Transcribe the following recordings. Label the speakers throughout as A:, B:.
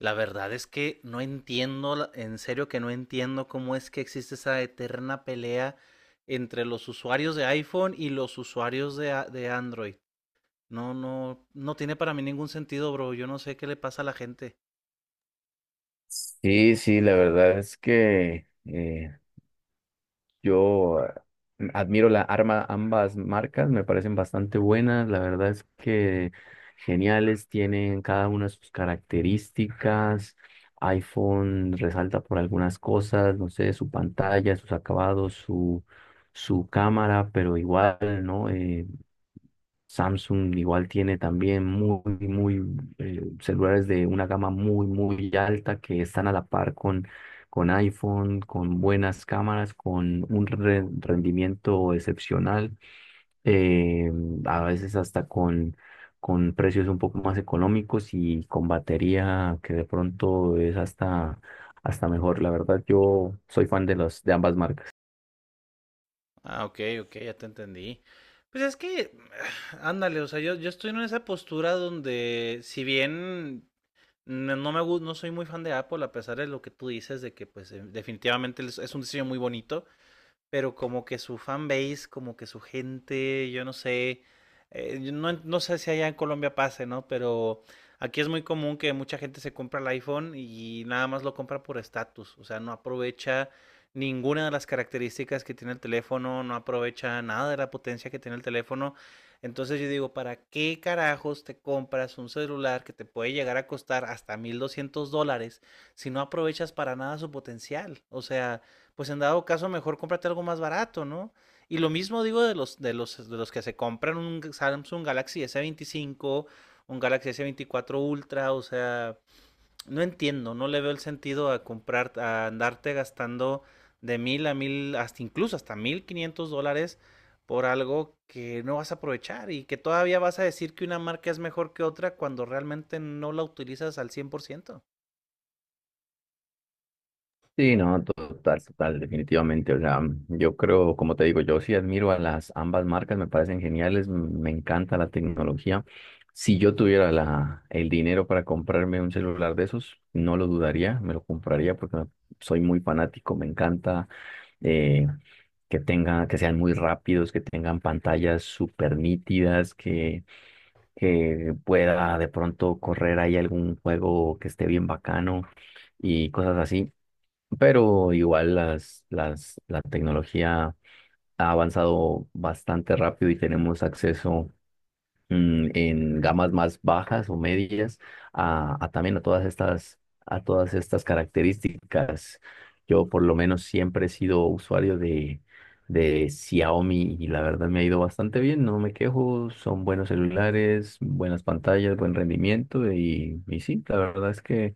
A: La verdad es que no entiendo, en serio que no entiendo cómo es que existe esa eterna pelea entre los usuarios de iPhone y los usuarios de Android. No, no, no tiene para mí ningún sentido, bro. Yo no sé qué le pasa a la gente.
B: Sí, sí, la verdad es que yo admiro la arma, ambas marcas, me parecen bastante buenas, la verdad es que geniales, tienen cada una sus características, iPhone resalta por algunas cosas, no sé, su pantalla, sus acabados, su cámara, pero igual, ¿no? Samsung igual tiene también muy celulares de una gama muy alta que están a la par con iPhone, con buenas cámaras, con un rendimiento excepcional, eh, a veces hasta con precios un poco más económicos y con batería que de pronto es hasta mejor. La verdad, yo soy fan de de ambas marcas.
A: Ah, ok, ok, ya te entendí. Pues es que, ándale, o sea, yo estoy en esa postura donde, si bien no soy muy fan de Apple, a pesar de lo que tú dices, de que pues definitivamente es un diseño muy bonito. Pero como que su fanbase, como que su gente, yo no sé, yo no sé si allá en Colombia pase, ¿no? Pero aquí es muy común que mucha gente se compra el iPhone y nada más lo compra por estatus, o sea, no aprovecha ninguna de las características que tiene el teléfono, no aprovecha nada de la potencia que tiene el teléfono. Entonces yo digo, ¿para qué carajos te compras un celular que te puede llegar a costar hasta $1,200 si no aprovechas para nada su potencial? O sea, pues en dado caso mejor cómprate algo más barato, ¿no? Y lo mismo digo de de los que se compran un Samsung Galaxy S25, un Galaxy S24 Ultra, o sea, no entiendo, no le veo el sentido a comprar, a andarte gastando de mil a mil, hasta incluso hasta $1,500 por algo que no vas a aprovechar y que todavía vas a decir que una marca es mejor que otra cuando realmente no la utilizas al 100%.
B: Sí, no, total, total, definitivamente. O sea, yo creo, como te digo, yo sí admiro a las ambas marcas, me parecen geniales, me encanta la tecnología. Si yo tuviera el dinero para comprarme un celular de esos, no lo dudaría, me lo compraría porque soy muy fanático, me encanta eh, que tenga, que sean muy rápidos, que tengan pantallas súper nítidas, que pueda de pronto correr ahí algún juego que esté bien bacano y cosas así pero igual la tecnología ha avanzado bastante rápido y tenemos acceso en gamas más bajas o medias a también a a todas estas características. Yo por lo menos siempre he sido usuario de Xiaomi y la verdad me ha ido bastante bien, no me quejo, son buenos celulares, buenas pantallas, buen rendimiento y sí, la verdad es que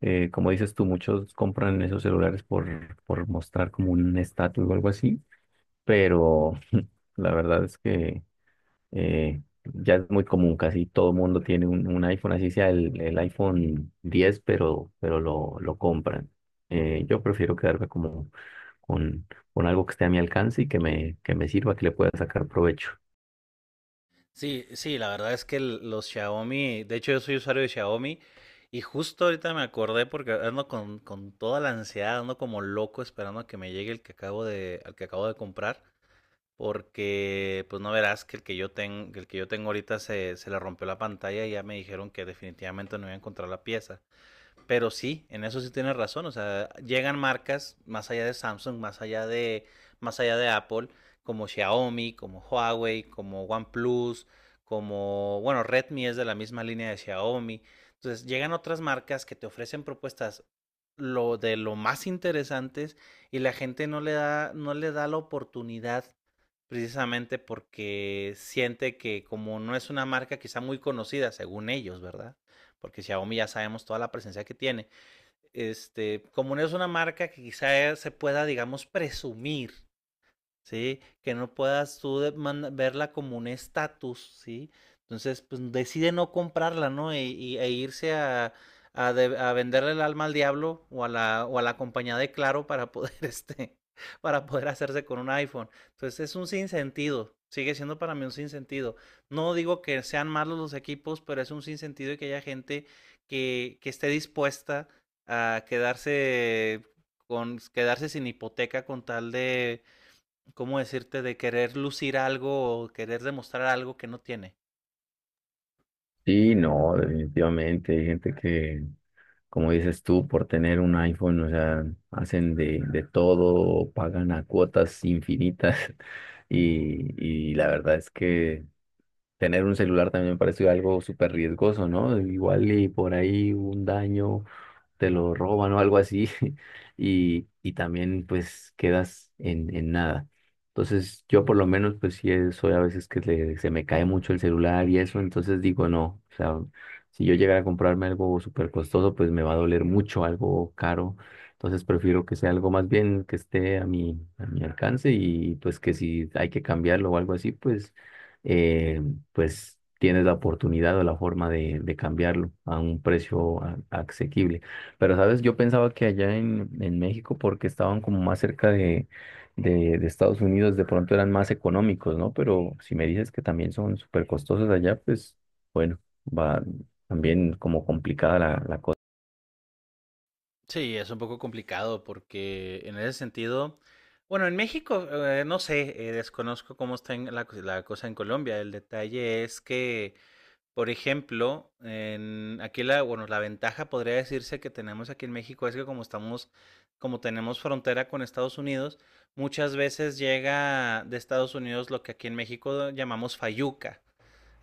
B: como dices tú, muchos compran esos celulares por mostrar como un estatus o algo así, pero la verdad es que... Eh, ya es muy común, casi todo mundo tiene un iPhone, así sea el iPhone 10 pero lo compran. Yo prefiero quedarme como con, con algo que esté a mi alcance y que que me sirva, que le pueda sacar provecho.
A: Sí, sí, la verdad es que los Xiaomi, de hecho yo soy usuario de Xiaomi y justo ahorita me acordé porque ando con toda la ansiedad, ando como loco esperando a que me llegue el que al que acabo de comprar, porque pues no verás que el que yo tengo, el que yo tengo ahorita se le rompió la pantalla y ya me dijeron que definitivamente no iba a encontrar la pieza. Pero sí, en eso sí tienes razón. O sea, llegan marcas más allá de Samsung, más allá de Apple, como Xiaomi, como Huawei, como OnePlus, como, bueno, Redmi es de la misma línea de Xiaomi. Entonces, llegan otras marcas que te ofrecen propuestas lo más interesantes y la gente no le da la oportunidad. Precisamente porque siente que como no es una marca quizá muy conocida, según ellos, ¿verdad? Porque Xiaomi ya sabemos toda la presencia que tiene. Este, como no es una marca que quizá se pueda, digamos, presumir, ¿sí? Que no puedas tú verla como un estatus, ¿sí? Entonces, pues decide no comprarla, ¿no? E irse a venderle el alma al diablo o a o a la compañía de Claro para poder, este, para poder hacerse con un iPhone. Entonces, es un sinsentido. Sigue siendo para mí un sinsentido. No digo que sean malos los equipos, pero es un sinsentido y que haya gente que esté dispuesta a quedarse con quedarse sin hipoteca con tal de, ¿cómo decirte? De querer lucir algo o querer demostrar algo que no tiene.
B: Sí, no, definitivamente hay gente que, como dices tú, por tener un iPhone, o sea, hacen de todo, pagan a cuotas infinitas y la verdad es que tener un celular también me pareció algo súper riesgoso, ¿no? Igual y por ahí un daño te lo roban o algo así y también pues quedas en nada. Entonces yo por lo menos pues sí soy a veces que se me cae mucho el celular y eso, entonces digo no, o sea, si yo llegara a comprarme algo súper costoso pues me va a doler mucho, algo caro, entonces prefiero que sea algo más bien que esté a a mi alcance y pues que si hay que cambiarlo o algo así pues, eh, pues tienes la oportunidad o la forma de cambiarlo a un precio asequible. Pero, ¿sabes? Yo pensaba que allá en México, porque estaban como más cerca de Estados Unidos, de pronto eran más económicos, ¿no? Pero si me dices que también son súper costosos allá, pues bueno, va también como complicada la cosa.
A: Sí, es un poco complicado porque en ese sentido, bueno, en México, no sé, desconozco cómo está en cosa en Colombia. El detalle es que, por ejemplo, aquí bueno, la ventaja podría decirse que tenemos aquí en México es que como estamos, como tenemos frontera con Estados Unidos, muchas veces llega de Estados Unidos lo que aquí en México llamamos fayuca,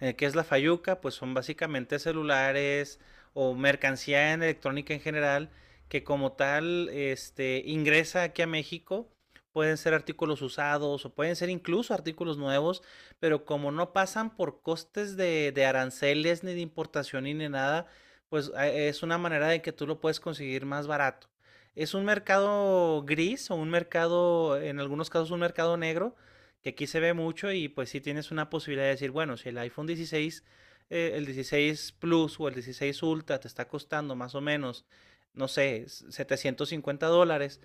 A: que es la Fayuca, pues son básicamente celulares o mercancía en electrónica en general que como tal este, ingresa aquí a México. Pueden ser artículos usados o pueden ser incluso artículos nuevos, pero como no pasan por costes de aranceles ni de importación ni de nada, pues es una manera de que tú lo puedes conseguir más barato. Es un mercado gris o un mercado, en algunos casos un mercado negro, que aquí se ve mucho y pues sí tienes una posibilidad de decir, bueno, si el iPhone 16, el 16 Plus o el 16 Ultra te está costando más o menos, no sé, $750,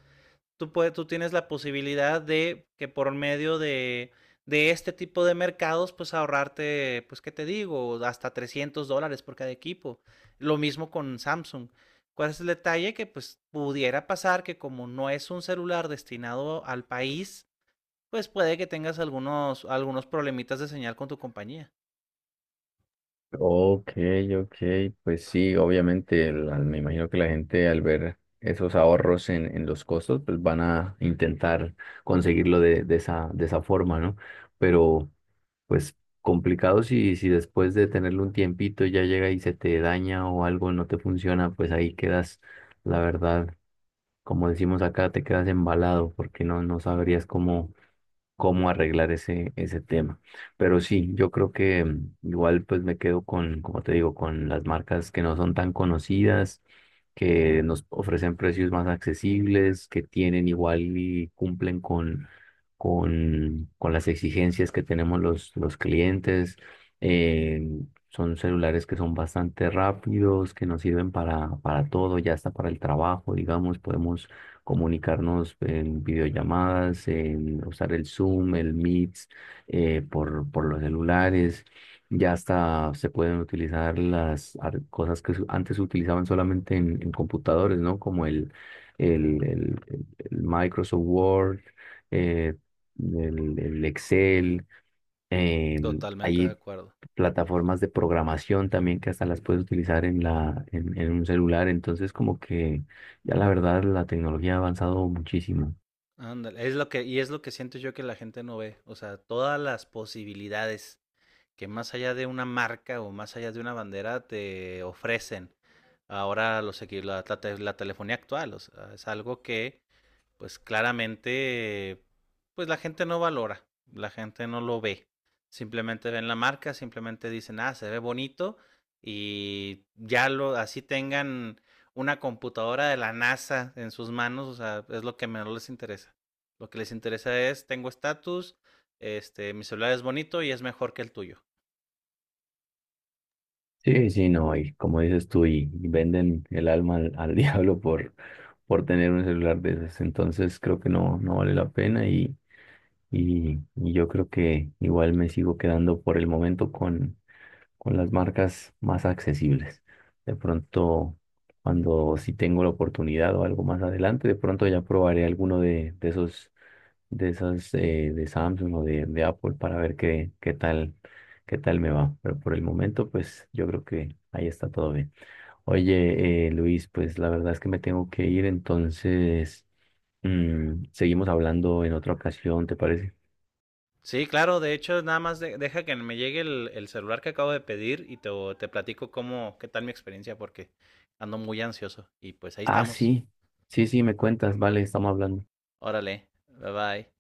A: tú tienes la posibilidad de que por medio de este tipo de mercados, pues ahorrarte, pues qué te digo, hasta $300 por cada equipo. Lo mismo con Samsung. ¿Cuál es el detalle? Que pues pudiera pasar que como no es un celular destinado al país, pues puede que tengas algunos problemitas de señal con tu compañía.
B: Ok, ok, pues sí, obviamente me imagino que la gente al ver esos ahorros en los costos, pues van a intentar conseguirlo de esa forma, ¿no? Pero... Pues complicado si, si después de tenerlo un tiempito ya llega y se te daña o algo no te funciona, pues ahí quedas, la verdad, como decimos acá, te quedas embalado porque no, no sabrías cómo, cómo arreglar ese tema. Pero sí, yo creo que igual pues me quedo con, como te digo, con las marcas que no son tan conocidas, que nos ofrecen precios más accesibles, que tienen igual y cumplen con las exigencias que tenemos los clientes. Eh, son celulares que son bastante rápidos, que nos sirven para todo, ya hasta para el trabajo, digamos, podemos comunicarnos en videollamadas, en usar el Zoom, el Meet, por los celulares. Ya hasta se pueden utilizar las cosas que antes se utilizaban solamente en computadores, ¿no? Como el Microsoft Word, eh, el Excel. Eh,
A: Totalmente de
B: hay
A: acuerdo.
B: plataformas de programación también que hasta las puedes utilizar en en un celular. Entonces, como que ya la verdad la tecnología ha avanzado muchísimo.
A: Ándale, es lo que, y es lo que siento yo que la gente no ve. O sea, todas las posibilidades que más allá de una marca o más allá de una bandera te ofrecen ahora los equi- la, te- la telefonía actual. O sea, es algo que pues claramente, pues la gente no valora, la gente no lo ve. Simplemente ven la marca, simplemente dicen, ah, se ve bonito y ya lo, así tengan una computadora de la NASA en sus manos, o sea, es lo que menos les interesa. Lo que les interesa es, tengo estatus, este, mi celular es bonito y es mejor que el tuyo.
B: Sí, sí, no, y como dices tú, y venden el alma al diablo por tener un celular de esos. Entonces creo que no, no vale la pena y, y yo creo que igual me sigo quedando por el momento con las marcas más accesibles. De pronto, cuando si tengo la oportunidad o algo más adelante, de pronto ya probaré alguno de esos, de esas de Samsung o de Apple para ver qué, qué tal me va. Pero por el momento, pues yo creo que ahí está todo bien. Oye, Luis, pues la verdad es que me tengo que ir, entonces seguimos hablando en otra ocasión, ¿te parece?
A: Sí, claro, de hecho, nada más deja que me llegue el celular que acabo de pedir y te platico cómo, qué tal mi experiencia, porque ando muy ansioso. Y pues ahí
B: Ah,
A: estamos.
B: sí, sí, sí, me cuentas, vale, estamos hablando.
A: Órale, bye bye.